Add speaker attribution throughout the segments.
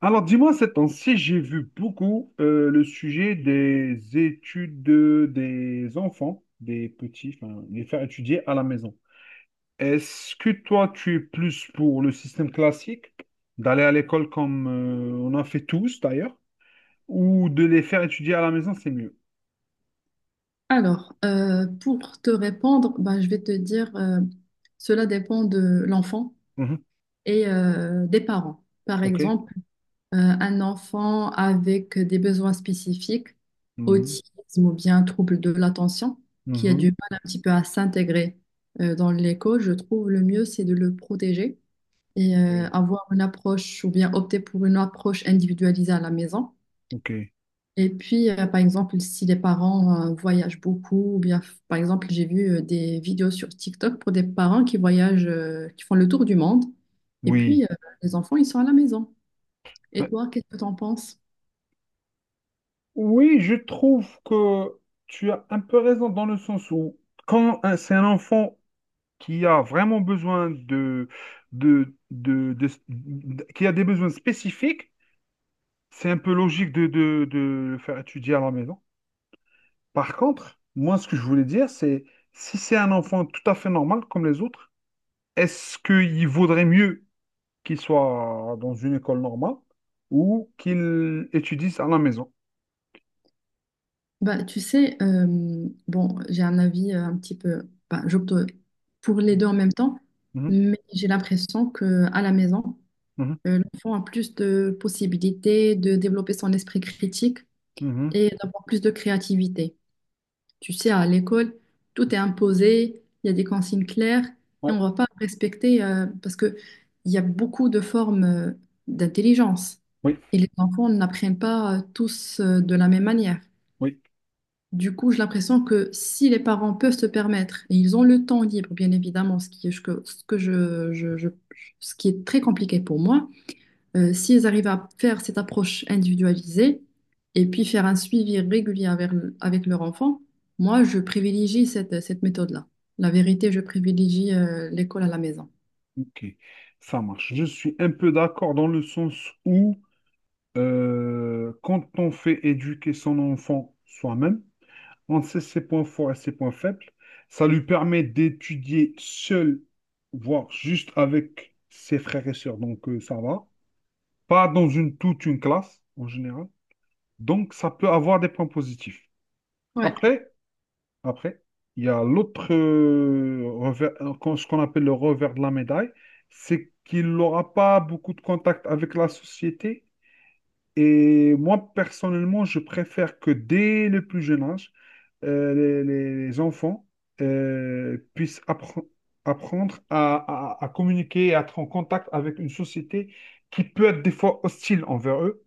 Speaker 1: Alors, dis-moi, ces temps-ci, j'ai vu beaucoup le sujet des études des enfants, des petits, enfin, les faire étudier à la maison. Est-ce que toi, tu es plus pour le système classique, d'aller à l'école comme on en fait tous d'ailleurs, ou de les faire étudier à la maison, c'est mieux?
Speaker 2: Alors, pour te répondre, ben, je vais te dire, cela dépend de l'enfant
Speaker 1: Mhm.
Speaker 2: et des parents. Par
Speaker 1: OK.
Speaker 2: exemple, un enfant avec des besoins spécifiques,
Speaker 1: Mhm.
Speaker 2: autisme ou bien trouble de l'attention, qui a du
Speaker 1: Mhm.
Speaker 2: mal un petit peu à s'intégrer dans l'école, je trouve le mieux, c'est de le protéger et
Speaker 1: Oui.
Speaker 2: avoir une approche ou bien opter pour une approche individualisée à la maison.
Speaker 1: OK.
Speaker 2: Et puis, par exemple, si les parents voyagent beaucoup, ou bien, par exemple, j'ai vu des vidéos sur TikTok pour des parents qui voyagent, qui font le tour du monde, et puis
Speaker 1: Oui.
Speaker 2: les enfants, ils sont à la maison.
Speaker 1: Euh,
Speaker 2: Et toi, qu'est-ce que t'en penses?
Speaker 1: Oui, je trouve que tu as un peu raison dans le sens où c'est un enfant qui a vraiment besoin de, de- de- qui a des besoins spécifiques, c'est un peu logique de le faire étudier à la maison. Par contre, moi, ce que je voulais dire, c'est si c'est un enfant tout à fait normal comme les autres, est-ce qu'il vaudrait mieux qu'il soit dans une école normale ou qu'il étudie à la maison?
Speaker 2: Bah, tu sais, bon, j'ai un avis un petit peu, bah, j'opte pour les deux en même temps,
Speaker 1: Mhm,
Speaker 2: mais j'ai l'impression que à la maison,
Speaker 1: mhm,
Speaker 2: l'enfant a plus de possibilités de développer son esprit critique
Speaker 1: mhm.
Speaker 2: et d'avoir plus de créativité. Tu sais, à l'école, tout est imposé, il y a des consignes claires et on
Speaker 1: Ouais,
Speaker 2: ne va pas respecter parce que il y a beaucoup de formes d'intelligence
Speaker 1: oui,
Speaker 2: et les enfants n'apprennent pas tous de la même manière.
Speaker 1: oui,
Speaker 2: Du coup, j'ai l'impression que si les parents peuvent se permettre et ils ont le temps libre, bien évidemment, ce qui est, ce que je- ce qui est très compliqué pour moi, si elles arrivent à faire cette approche individualisée et puis faire un suivi régulier avec, avec leur enfant, moi, je privilégie cette méthode-là. La vérité, je privilégie l'école à la maison.
Speaker 1: ok, ça marche. Je suis un peu d'accord dans le sens où quand on fait éduquer son enfant soi-même, on sait ses points forts et ses points faibles. Ça lui permet d'étudier seul, voire juste avec ses frères et sœurs. Donc, ça va. Pas dans toute une classe, en général. Donc, ça peut avoir des points positifs.
Speaker 2: Ouais.
Speaker 1: Après, après, il y a l'autre revers, ce qu'on appelle le revers de la médaille, c'est qu'il n'aura pas beaucoup de contact avec la société. Et moi, personnellement, je préfère que dès le plus jeune âge, les enfants puissent apprendre à communiquer, et à être en contact avec une société qui peut être des fois hostile envers eux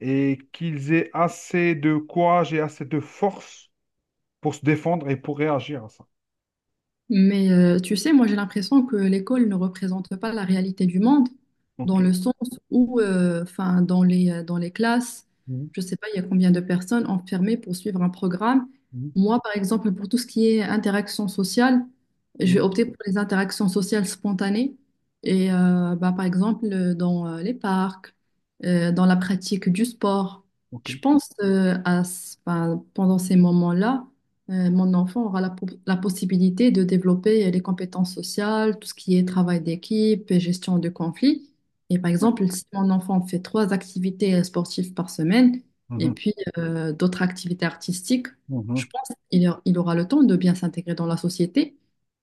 Speaker 1: et qu'ils aient assez de courage et assez de force pour se défendre et pour réagir à ça.
Speaker 2: Mais tu sais, moi j'ai l'impression que l'école ne représente pas la réalité du monde, dans le
Speaker 1: OK.
Speaker 2: sens où, enfin, dans les classes,
Speaker 1: Mhm,
Speaker 2: je ne sais pas, il y a combien de personnes enfermées pour suivre un programme.
Speaker 1: mhm,
Speaker 2: Moi, par exemple, pour tout ce qui est interaction sociale, je vais
Speaker 1: mhm,
Speaker 2: opter pour les interactions sociales spontanées. Et bah, par exemple, dans les parcs, dans la pratique du sport,
Speaker 1: OK.
Speaker 2: je pense 'fin, pendant ces moments-là mon enfant aura la possibilité de développer les compétences sociales, tout ce qui est travail d'équipe, et gestion de conflits. Et par
Speaker 1: Oui.
Speaker 2: exemple, si mon enfant fait trois activités sportives par semaine et
Speaker 1: Mhm,
Speaker 2: puis d'autres activités artistiques,
Speaker 1: mhm,
Speaker 2: je pense il aura le temps de bien s'intégrer dans la société.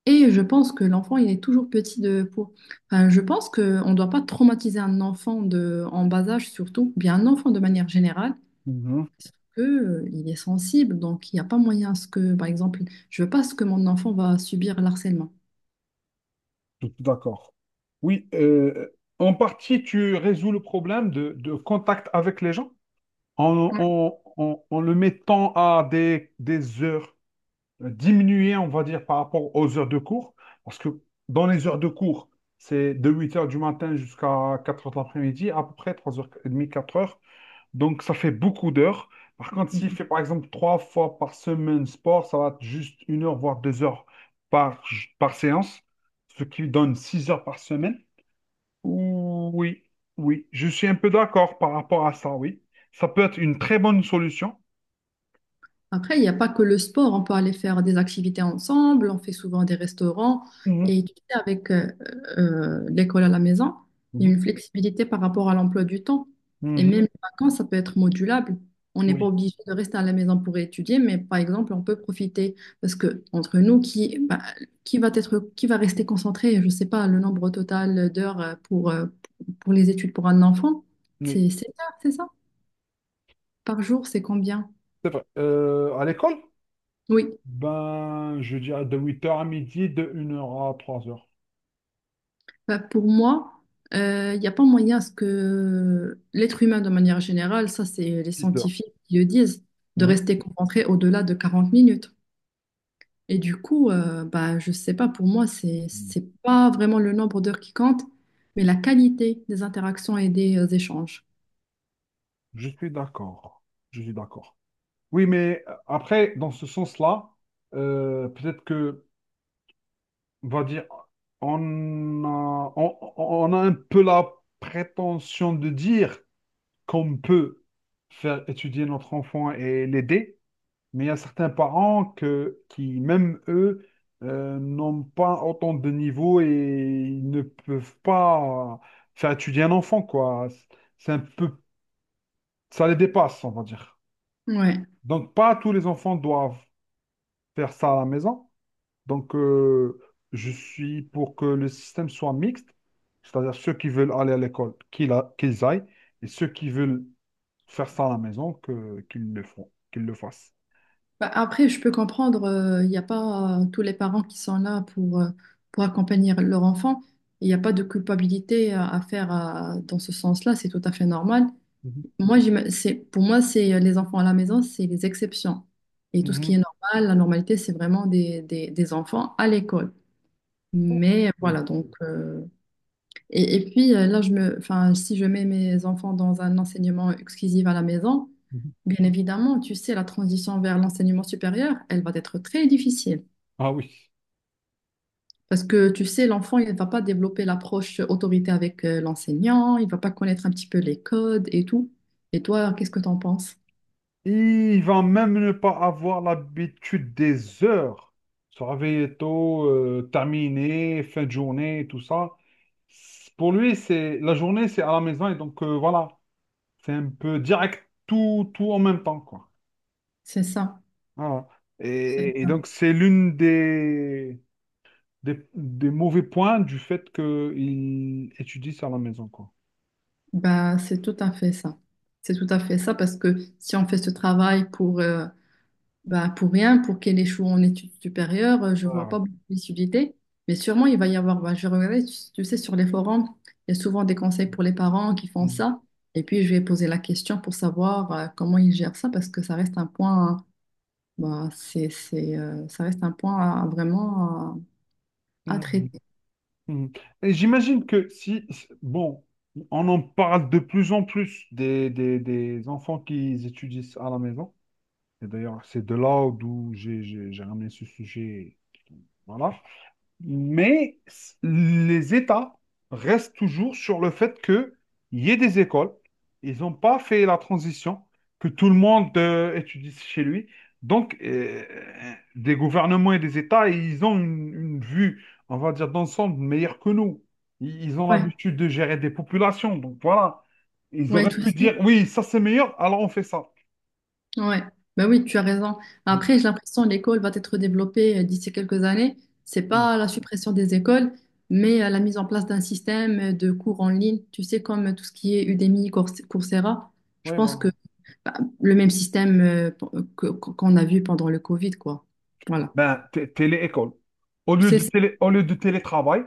Speaker 2: Et je pense que l'enfant, il est toujours petit de pour. Enfin, je pense qu'on ne doit pas traumatiser un enfant de, en bas âge surtout, bien un enfant de manière générale
Speaker 1: mhm.
Speaker 2: que, il est sensible, donc il n'y a pas moyen à ce que, par exemple, je veux pas ce que mon enfant va subir l'harcèlement.
Speaker 1: Tout d'accord. Oui, en partie, tu résous le problème de contact avec les gens en le mettant à des heures diminuées, on va dire, par rapport aux heures de cours. Parce que dans les heures de cours, c'est de huit heures du matin jusqu'à quatre heures de l'après-midi, à peu près 3h30, quatre heures. Donc, ça fait beaucoup d'heures. Par contre,
Speaker 2: Ouais.
Speaker 1: s'il fait par exemple trois fois par semaine sport, ça va être juste une heure, voire deux heures par, par séance, ce qui donne six heures par semaine. Oui, oui, je suis un peu d'accord par rapport à ça, oui. Ça peut être une très bonne solution.
Speaker 2: Après, il n'y a pas que le sport, on peut aller faire des activités ensemble, on fait souvent des restaurants.
Speaker 1: Mhm,
Speaker 2: Et tu sais, avec l'école à la maison, il y
Speaker 1: mhm,
Speaker 2: a une flexibilité par rapport à l'emploi du temps. Et même
Speaker 1: mhm,
Speaker 2: les vacances, ça peut être modulable. On n'est pas
Speaker 1: oui,
Speaker 2: obligé de rester à la maison pour étudier, mais par exemple, on peut profiter. Parce que entre nous, qui, bah, qui va être, qui va rester concentré, je ne sais pas, le nombre total d'heures pour les études pour un enfant,
Speaker 1: oui,
Speaker 2: c'est 7 heures, c'est ça. Par jour, c'est combien?
Speaker 1: c'est vrai. À l'école?
Speaker 2: Oui.
Speaker 1: Ben, je dirais de huit heures à midi, de une heure à 3h,
Speaker 2: Bah, pour moi, il n'y a pas moyen à ce que l'être humain, de manière générale, ça c'est les
Speaker 1: 6h.
Speaker 2: scientifiques qui le disent, de rester concentré au-delà de 40 minutes. Et du coup, bah, je sais pas, pour moi, c'est pas vraiment le nombre d'heures qui compte, mais la qualité des interactions et des échanges.
Speaker 1: Je suis d'accord. Je suis d'accord. Oui, mais après, dans ce sens-là, peut-être que, on va dire, on a un peu la prétention de dire qu'on peut faire étudier notre enfant et l'aider, mais il y a certains parents qui, même eux, n'ont pas autant de niveau et ils ne peuvent pas faire étudier un enfant, quoi. C'est un peu, ça les dépasse, on va dire.
Speaker 2: Ouais.
Speaker 1: Donc, pas tous les enfants doivent faire ça à la maison. Donc, je suis pour que le système soit mixte, c'est-à-dire ceux qui veulent aller à l'école, qu'ils aillent, et ceux qui veulent faire ça à la maison, qu'ils le font, qu'ils le fassent.
Speaker 2: Bah, après, je peux comprendre, il n'y a pas tous les parents qui sont là pour accompagner leur enfant. Il n'y a pas de culpabilité à faire dans ce sens-là, c'est tout à fait normal.
Speaker 1: Mhm.
Speaker 2: C'est, pour moi, c'est les enfants à la maison, c'est les exceptions. Et tout ce qui
Speaker 1: Mhm.
Speaker 2: est normal, la normalité, c'est vraiment des enfants à l'école. Mais
Speaker 1: Oui.
Speaker 2: voilà, et, et puis là, je me, enfin, si je mets mes enfants dans un enseignement exclusif à la maison,
Speaker 1: Mhm.
Speaker 2: bien évidemment, tu sais, la transition vers l'enseignement supérieur, elle va être très difficile.
Speaker 1: Ah oui.
Speaker 2: Parce que tu sais, l'enfant, il ne va pas développer l'approche autorité avec l'enseignant, il ne va pas connaître un petit peu les codes et tout. Et toi, qu'est-ce que tu en penses?
Speaker 1: Il va même ne pas avoir l'habitude des heures. Se réveiller tôt, terminer, fin de journée, tout ça. Pour lui, c'est la journée, c'est à la maison et donc voilà, c'est un peu direct, tout, tout en même temps, quoi.
Speaker 2: C'est ça.
Speaker 1: Voilà.
Speaker 2: C'est
Speaker 1: Et
Speaker 2: ça.
Speaker 1: donc, c'est l'une des, des mauvais points du fait qu'il étudie ça à la maison, quoi.
Speaker 2: Bah, c'est tout à fait ça. C'est tout à fait ça parce que si on fait ce travail pour, bah, pour rien, pour qu'elle échoue en études supérieures, je vois
Speaker 1: Voilà.
Speaker 2: pas beaucoup d'utilité. Mais sûrement, il va y avoir, bah, je regardais, tu sais, sur les forums, il y a souvent des conseils pour les parents qui font
Speaker 1: Mhm.
Speaker 2: ça. Et puis, je vais poser la question pour savoir, comment ils gèrent ça parce que ça reste un point, bah, ça reste un point à vraiment à
Speaker 1: Mhm.
Speaker 2: traiter.
Speaker 1: Mhm. Et j'imagine que si, bon, on en parle de plus en plus des, des enfants qui étudient ça à la maison. Et d'ailleurs, c'est de là d'où j'ai ramené ce sujet. Voilà. Mais les États restent toujours sur le fait qu'il y ait des écoles. Ils n'ont pas fait la transition, que tout le monde étudie chez lui. Donc, des gouvernements et des États, ils ont une vue, on va dire, d'ensemble meilleure que nous. Ils ont
Speaker 2: Ouais,
Speaker 1: l'habitude de gérer des populations. Donc, voilà. Ils
Speaker 2: ouais,
Speaker 1: auraient
Speaker 2: tu
Speaker 1: pu
Speaker 2: sais.
Speaker 1: dire, oui, ça c'est meilleur, alors on fait ça.
Speaker 2: Ouais, bah oui, tu as raison.
Speaker 1: Mm,
Speaker 2: Après, j'ai l'impression que l'école va être développée d'ici quelques années. C'est
Speaker 1: mm.
Speaker 2: pas la suppression des écoles, mais la mise en place d'un système de cours en ligne, tu sais, comme tout ce qui est Udemy, Coursera. Je
Speaker 1: Oui,
Speaker 2: pense
Speaker 1: voilà.
Speaker 2: que bah, le même système qu'on a vu pendant le Covid, quoi. Voilà.
Speaker 1: Ben, télé-école. Au
Speaker 2: Tu
Speaker 1: lieu
Speaker 2: sais,
Speaker 1: de
Speaker 2: c'est-
Speaker 1: télé, au lieu de télétravail,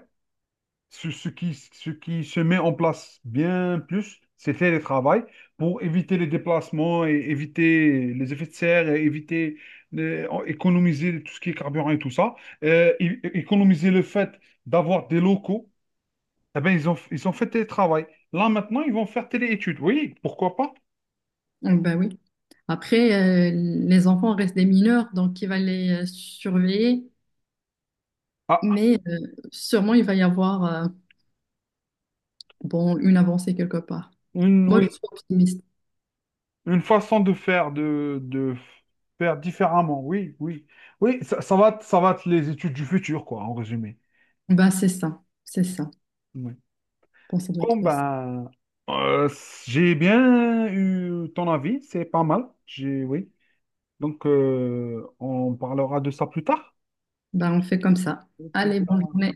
Speaker 1: Ce qui se met en place bien plus, c'est télétravail pour éviter les déplacements et éviter les effets de serre et éviter économiser tout ce qui est carburant et tout ça. Économiser le fait d'avoir des locaux. Eh ben, ils ont fait télétravail. Là, maintenant, ils vont faire téléétudes. Oui, pourquoi pas?
Speaker 2: ça. Donc, bah oui. Après, les enfants restent des mineurs, donc il va les surveiller,
Speaker 1: Ah,
Speaker 2: mais sûrement il va y avoir bon, une avancée quelque part. Moi, je
Speaker 1: oui,
Speaker 2: suis optimiste.
Speaker 1: une façon de faire, de faire différemment. Oui, oui. Oui, ça va être les études du futur, quoi, en résumé.
Speaker 2: Bah, c'est ça, c'est ça. Je
Speaker 1: Oui.
Speaker 2: pense que ça doit
Speaker 1: Bon,
Speaker 2: être ça.
Speaker 1: ben, euh, j'ai bien eu ton avis, c'est pas mal. J'ai, oui. Donc, on parlera de ça plus tard.
Speaker 2: Bah, on fait comme ça.
Speaker 1: Ok,
Speaker 2: Allez,
Speaker 1: ça
Speaker 2: bonne
Speaker 1: marche.
Speaker 2: journée.